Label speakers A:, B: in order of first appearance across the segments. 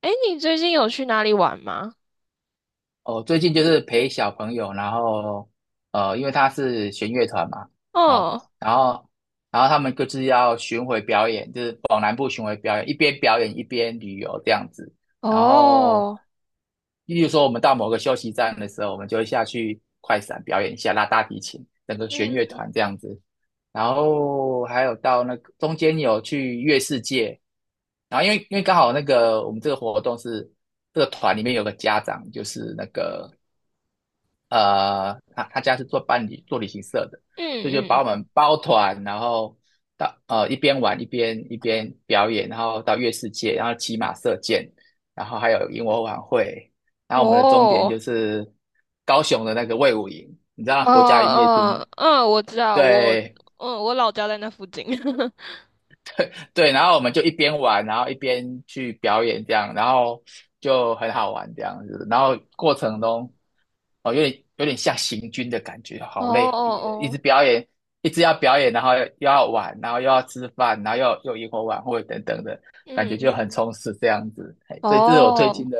A: 诶，你最近有去哪里玩吗？
B: 哦，最近就是陪小朋友，然后因为他是弦乐团嘛。哦，
A: 哦。
B: 然后然后他们各自要巡回表演，就是往南部巡回表演，一边表演一边旅游这样子。然后，
A: 哦。
B: 例如说我们到某个休息站的时候，我们就会下去快闪表演一下，拉大提琴，整个弦
A: 嗯
B: 乐团
A: 嗯
B: 这样子。然后还有到那个中间有去月世界，然后因为刚好那个我们这个活动是，这个团里面有个家长，就是那个他家是做办理做旅行社的，所以就
A: 嗯。
B: 把我
A: 嗯。
B: 们包团，然后到一边玩一边表演，然后到月世界，然后骑马射箭，然后还有萤火晚会，然后我们的终点
A: 哦。
B: 就是高雄的那个卫武营，你知道
A: 哦
B: 国家营业厅。
A: 哦。嗯，我知道。
B: 对。
A: 我老家在那附近。
B: 对，然后我们就一边玩，然后一边去表演这样，然后就很好玩这样子。然后过程中，哦，有点像行军的感觉，
A: 哦
B: 好
A: 哦
B: 累，一直
A: 哦。
B: 表演，一直要表演，然后又要玩，然后又要吃饭，然后又萤火晚会等等的，感
A: 嗯
B: 觉就很
A: 嗯。
B: 充实这样子。嘿，所以这是我最
A: 哦，
B: 近的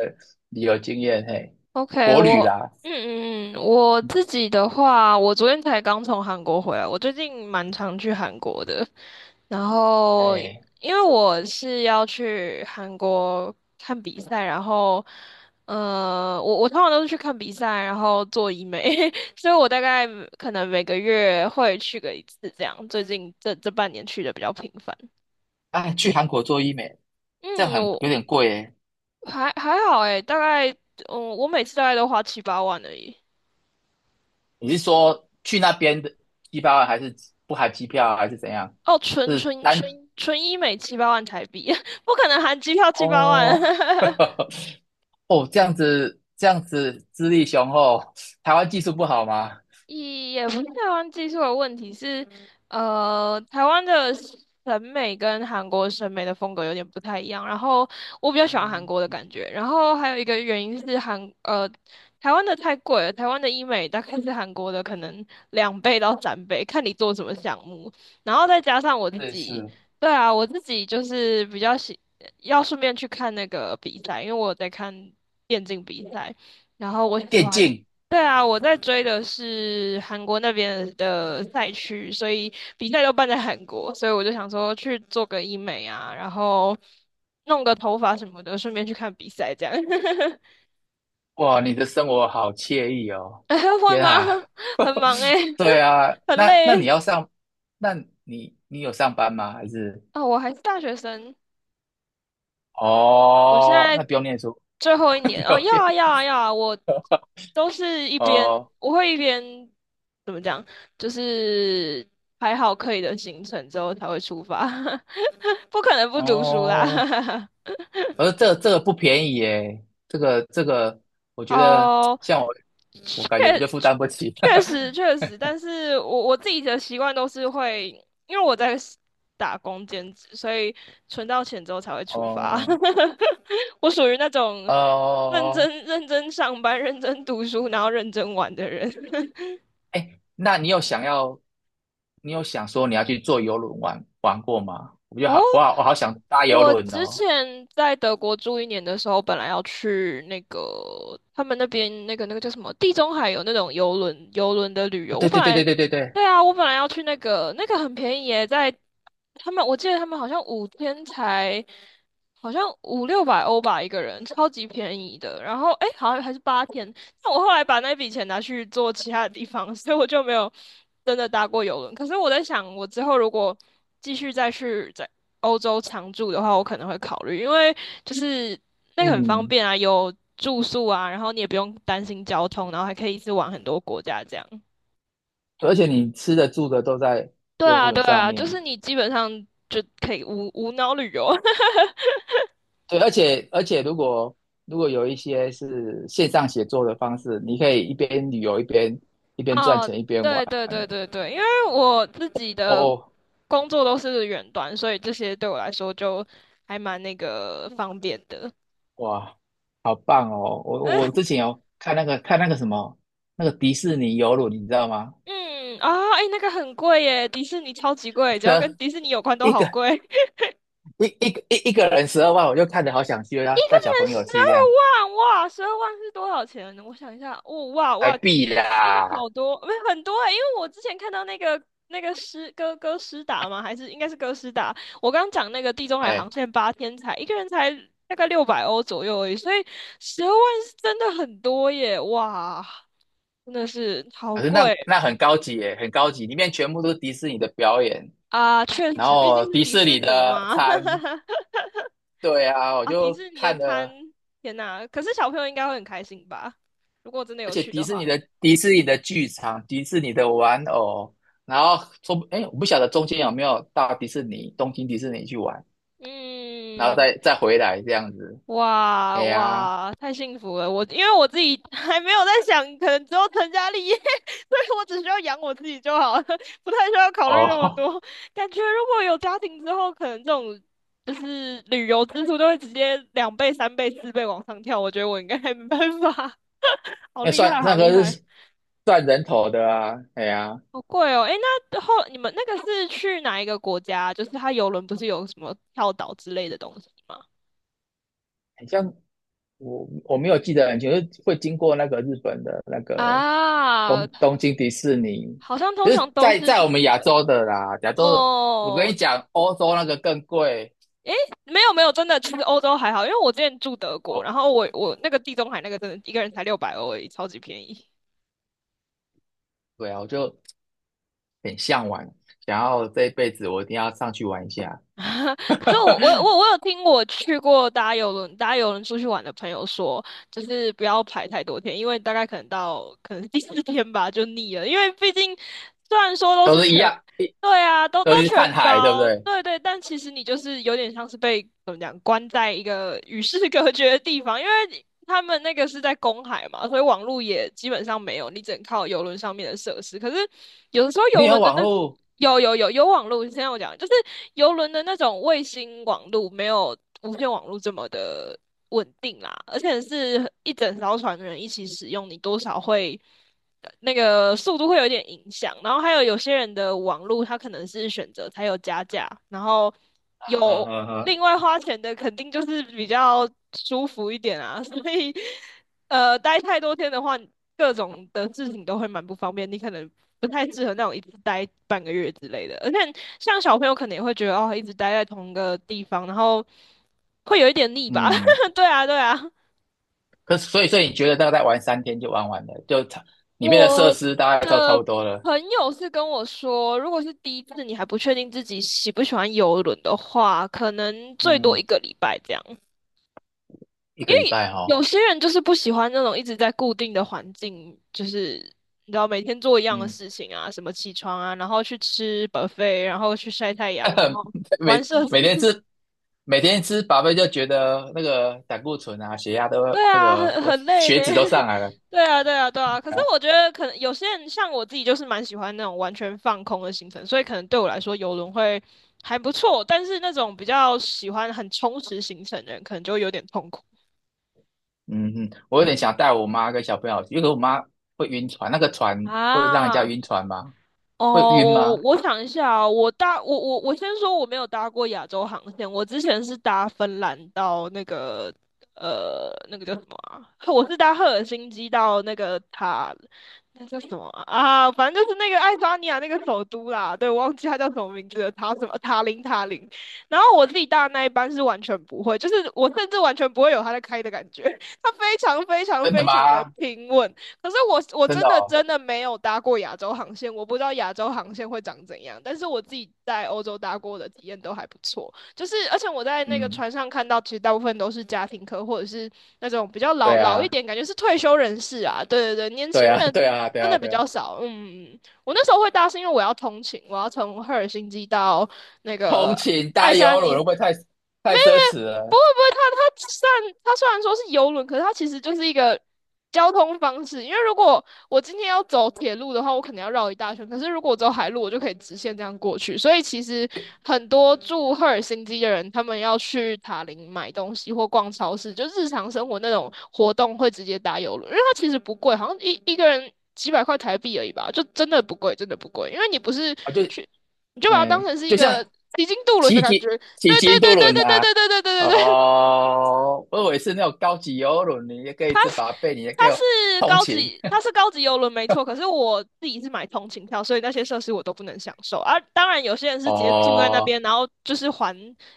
B: 旅游经验。嘿，
A: OK。
B: 国旅
A: 我
B: 啦。
A: 嗯嗯，嗯，我
B: 嗯，
A: 自己的话，我昨天才刚从韩国回来，我最近蛮常去韩国的。然后，
B: 哎，
A: 因为我是要去韩国看比赛，然后，我通常都是去看比赛，然后做医美，所以我大概可能每个月会去个一次这样。最近这半年去的比较频繁。
B: 啊，去韩国做医美，这样
A: 嗯。
B: 很有
A: 我
B: 点贵诶。
A: 还好诶，大概,我每次大概都花七八万而已。
B: 你是说去那边的机票还是不含机票还是怎样？
A: 哦，纯
B: 是
A: 纯纯
B: 单
A: 纯医美七八万台币，不可能含机票七八万。
B: 哦。 哦，这样子这样子资历雄厚，台湾技术不好吗？
A: 也不是台湾技术的问题，是台湾的审美跟韩国审美的风格有点不太一样。然后我比较喜
B: 哦，
A: 欢韩国的感觉，然后还有一个原因是台湾的太贵了，台湾的医美大概是韩国的可能2倍到3倍，看你做什么项目。然后再加上我自
B: 这
A: 己，
B: 是
A: 对啊，我自己就是比较喜要顺便去看那个比赛，因为我有在看电竞比赛。然后我喜
B: 电
A: 欢。
B: 竞。
A: 对啊，我在追的是韩国那边的赛区，所以比赛都办在韩国，所以我就想说去做个医美啊，然后弄个头发什么的，顺便去看比赛这样。
B: 哇，你的生活好惬意哦，
A: 哎会
B: 天
A: 吗？
B: 啊。
A: 很忙诶，
B: 对 啊，
A: 很
B: 那那
A: 累
B: 你
A: 欸。
B: 要上，那你有上班吗？还是
A: 哦，我还是大学生。我现
B: 哦，那
A: 在
B: 不用念书。
A: 最后一
B: 不
A: 年，哦，
B: 用
A: 要
B: 念。
A: 啊，要啊，要啊，
B: 哦
A: 我会一边怎么讲，就是排好可以的行程之后才会出发，不可能不读书啦。
B: 哦。而这个不便宜耶，这个，我觉得
A: 哦，
B: 像我，我
A: 确
B: 感觉就负担不起。
A: 确实确 实，但是我自己的习惯都是会，因为我在 打工兼职，所以存到钱之后才会出发。
B: 哦
A: 我属于那种认
B: 哦，
A: 真认真上班、认真读书，然后认真玩的人。
B: 哎，那你有想要，你有想说你要去坐游轮玩玩过吗？我就
A: 哦，
B: 好，我好，我好想搭游
A: 我
B: 轮
A: 之
B: 哦。
A: 前在德国住一年的时候，本来要去那个他们那边那个叫什么地中海有那种游轮的旅
B: 哦，
A: 游。我
B: 对
A: 本
B: 对对
A: 来
B: 对对对对。
A: 对啊，我本来要去那个很便宜耶，在他们我记得他们好像五天才好像五六百欧吧一个人，超级便宜的。然后诶，好像还是八天，那我后来把那笔钱拿去做其他的地方，所以我就没有真的搭过游轮。可是我在想，我之后如果继续再欧洲常住的话，我可能会考虑，因为就是那个很方
B: 嗯，
A: 便啊，有住宿啊，然后你也不用担心交通，然后还可以一次玩很多国家这样。
B: 对，而且你吃的住的都在
A: 对
B: 游
A: 啊，
B: 轮
A: 对
B: 上
A: 啊，就
B: 面。
A: 是你基本上就可以无脑旅游。
B: 对，而且如果如果有一些是线上写作的方式，你可以一边旅游一边赚
A: 哦，
B: 钱一边玩
A: 对对对
B: 呢。
A: 对对，因为我自己
B: 哦
A: 的
B: 哦，
A: 工作都是远端，所以这些对我来说就还蛮那个方便的。
B: 哇，好棒哦！我之前有看那个看那个什么那个迪士尼游轮，你知道吗？
A: 嗯啊。哎，那个很贵耶，迪士尼超级贵，只要跟
B: 这
A: 迪士尼有关都
B: 一
A: 好
B: 个
A: 贵。
B: 一个人12万，我就看着好想去啊，
A: 一个
B: 带
A: 人
B: 小朋
A: 十
B: 友去这样，
A: 二万，哇，十二万是多少钱呢？我想一下，哦，哇
B: 还
A: 哇，
B: 必
A: 真的
B: 啦。
A: 好多，没是很多欸，因为我之前看到那个那个诗哥哥诗达嘛，还是应该是哥诗达，我刚刚讲那个地中海航
B: 哎，
A: 线八天才一个人才大概六百欧左右而已，所以十二万是真的很多耶，哇，真的是好
B: 可是那
A: 贵
B: 那很高级耶，很高级，里面全部都是迪士尼的表演，
A: 啊，确
B: 然
A: 实，毕竟
B: 后
A: 是
B: 迪
A: 迪
B: 士
A: 士
B: 尼
A: 尼
B: 的
A: 嘛，
B: 餐，对啊，我
A: 啊，迪
B: 就
A: 士尼的
B: 看
A: 餐，
B: 了。
A: 天呐，可是小朋友应该会很开心吧？如果真的
B: 而
A: 有
B: 且
A: 去
B: 迪
A: 的
B: 士
A: 话。
B: 尼的迪士尼的剧场、迪士尼的玩偶，然后说，哎，我不晓得中间有没有到迪士尼、东京迪士尼去玩，然后
A: 嗯，
B: 再回来这样子。
A: 哇
B: 哎呀，
A: 哇，太幸福了！我因为我自己 还没有在想，可能之后成家立业，所以我只需要养我自己就好了，不太需要考虑那么
B: 哦，
A: 多。感觉如果有家庭之后，可能这种就是旅游支出都会直接2倍、3倍、4倍往上跳。我觉得我应该没办法，好
B: 那
A: 厉
B: 算
A: 害，
B: 那
A: 好厉
B: 个
A: 害，
B: 是算人头的啊。哎呀，
A: 好贵哦！诶，那后你们那个是去哪一个国家？就是它游轮不是有什么跳岛之类的东西吗？
B: 很像我我没有记得很清楚，就是会经过那个日本的那个
A: 啊，
B: 东京迪士尼，
A: 好像通
B: 就
A: 常
B: 是
A: 都
B: 在
A: 是
B: 在
A: 去
B: 我们
A: 日
B: 亚
A: 本
B: 洲
A: 哦。
B: 的啦。亚洲的我跟你
A: 哦，
B: 讲，欧洲那个更贵。
A: 没有没有，真的，其实欧洲还好，因为我之前住德国，
B: 哦，
A: 然后我我那个地中海那个真的一个人才六百欧而已，超级便宜。
B: 对啊，我就很向往，想要这一辈子我一定要上去玩一下，
A: 就我有听我去过搭邮轮搭邮轮出去玩的朋友说，就是不要排太多天，因为大概可能第四天吧就腻了，因为毕竟虽然说都
B: 都
A: 是
B: 是
A: 全，
B: 一样，
A: 对啊，都
B: 都
A: 都
B: 是看
A: 全
B: 海，对不
A: 包，
B: 对？
A: 对对，但其实你就是有点像是被怎么讲关在一个与世隔绝的地方，因为他们那个是在公海嘛，所以网络也基本上没有，你只能靠邮轮上面的设施。可是有的时候
B: 没
A: 邮
B: 有
A: 轮的
B: 网
A: 那
B: 络，
A: 有网络，现在我讲就是游轮的那种卫星网络，没有无线网络这么的稳定啦，而且是一整艘船的人一起使用，你多少会那个速度会有点影响。然后还有有些人的网络，他可能是选择才有加价，然后
B: 呵呵
A: 有
B: 呵呵。
A: 另外花钱的肯定就是比较舒服一点啊，所以待太多天的话。各种的事情都会蛮不方便，你可能不太适合那种一直待半个月之类的。而且像小朋友可能也会觉得哦，一直待在同一个地方，然后会有一点腻吧？
B: 嗯，
A: 对啊，对啊。
B: 可是所以所以你觉得大概玩3天就玩完了，就差里面的设
A: 我
B: 施大概就差不多了。
A: 朋友是跟我说，如果是第一次你还不确定自己喜不喜欢游轮的话，可能最多
B: 嗯，
A: 一个礼拜这样。
B: 一个礼拜哈、哦，
A: 有些人就是不喜欢那种一直在固定的环境，就是你知道每天做一样的
B: 嗯，
A: 事情啊，什么起床啊，然后去吃 buffet，然后去晒太阳，然 后玩
B: 每
A: 社子。
B: 每天 吃每天吃饱饭就觉得那个胆固醇啊、血压都，
A: 对
B: 那
A: 啊，
B: 个
A: 很
B: 都
A: 很累
B: 血
A: 呢。
B: 脂都 上来了。
A: 对啊，对啊，对啊。可是我觉得可能有些人像我自己，就是蛮喜欢那种完全放空的行程，所以可能对我来说游轮会还不错。但是那种比较喜欢很充实行程的人，可能就会有点痛苦。
B: 嗯哼，我有点
A: 嗯
B: 想带我妈跟小朋友去，因为我妈会晕船，那个船会让人家
A: 啊。
B: 晕船吗？会
A: 哦，
B: 晕
A: 我
B: 吗？
A: 我想一下啊，我先说我没有搭过亚洲航线，我之前是搭芬兰到那个那个叫什么啊？我是搭赫尔辛基到那个塔，那叫什么啊？啊反正就是那个爱沙尼亚那个首都啦，对，我忘记它叫什么名字了，塔什么塔林。然后我自己搭的那一班是完全不会，就是我甚至完全不会有它在开的感觉，它非常非常
B: 真的
A: 非常的
B: 吗？
A: 平稳。可是我我
B: 真
A: 真
B: 的
A: 的
B: 哦。
A: 真的没有搭过亚洲航线，我不知道亚洲航线会长怎样。但是我自己在欧洲搭过的体验都还不错，就是而且我在那个
B: 嗯，
A: 船上看到，其实大部分都是家庭客或者是那种比较老
B: 对
A: 老一
B: 啊，
A: 点，感觉是退休人士啊。对对对，年轻
B: 对啊，
A: 人
B: 对啊，对
A: 真
B: 啊，
A: 的比
B: 对啊，
A: 较少。嗯，我那时候会搭是因为我要通勤，我要从赫尔辛基到那个
B: 通勤搭
A: 爱沙
B: 游轮
A: 尼。
B: 会不会太太奢侈
A: 不
B: 了
A: 会不会，它虽然说是游轮，可是它其实就是一个交通方式。因为如果我今天要走铁路的话，我可能要绕一大圈；可是如果我走海路，我就可以直线这样过去。所以其实很多住赫尔辛基的人，他们要去塔林买东西或逛超市，就日常生活那种活动会直接搭游轮，因为它其实不贵，好像一个人几百块台币而已吧，就真的不贵，真的不贵。因为你不是
B: 啊？就
A: 去，你就把它当
B: 哎，
A: 成是一
B: 就
A: 个。
B: 像
A: 已经渡轮的
B: 骑
A: 感觉，
B: 机骑
A: 对对
B: 机渡
A: 对对
B: 轮
A: 对对对
B: 啊。
A: 对对对对对，
B: 哦，我以为是那种高级游轮，你也可以吃饱被，你也
A: 它
B: 可以
A: 是
B: 通
A: 高
B: 勤。
A: 级，它是高级游轮没错。可是我自己是买通勤票，所以那些设施我都不能享受。而，啊，当然，有些人 是直接住在那
B: 哦，
A: 边，然后就是环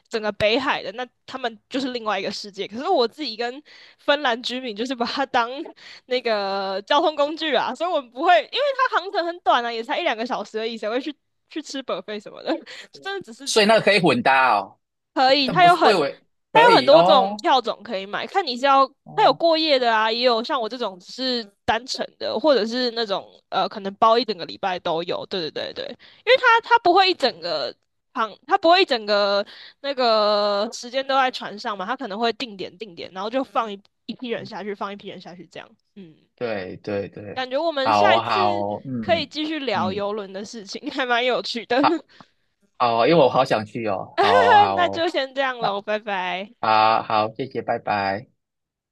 A: 整个北海的，那他们就是另外一个世界。可是我自己跟芬兰居民就是把它当 那个交通工具啊，所以我们不会，因为它航程很短啊，也才一两个小时而已，谁会去吃 buffet 什么的？真的只是
B: 所以那个可以混搭哦，
A: 可以，
B: 但不是，我以为
A: 它
B: 可
A: 有很
B: 以
A: 多种
B: 哦。
A: 票种可以买，看你是要它有
B: 哦，
A: 过夜的啊，也有像我这种只是单程的，或者是那种可能包一整个礼拜都有。对对对对，因为它不会一整个航，它不会一整个那个时间都在船上嘛，它可能会定点定点，然后就放一批人下去，放一批人下去这样。嗯，
B: 对对对，
A: 感觉我们
B: 好
A: 下一
B: 哦
A: 次
B: 好哦
A: 可以
B: 嗯
A: 继续聊
B: 嗯，
A: 游轮的事情，还蛮有趣的。
B: 好。好哦，因为我好想去哦，好哦好
A: 那
B: 哦，
A: 就先这样
B: 那
A: 喽，拜拜。
B: 好好，谢谢，拜拜。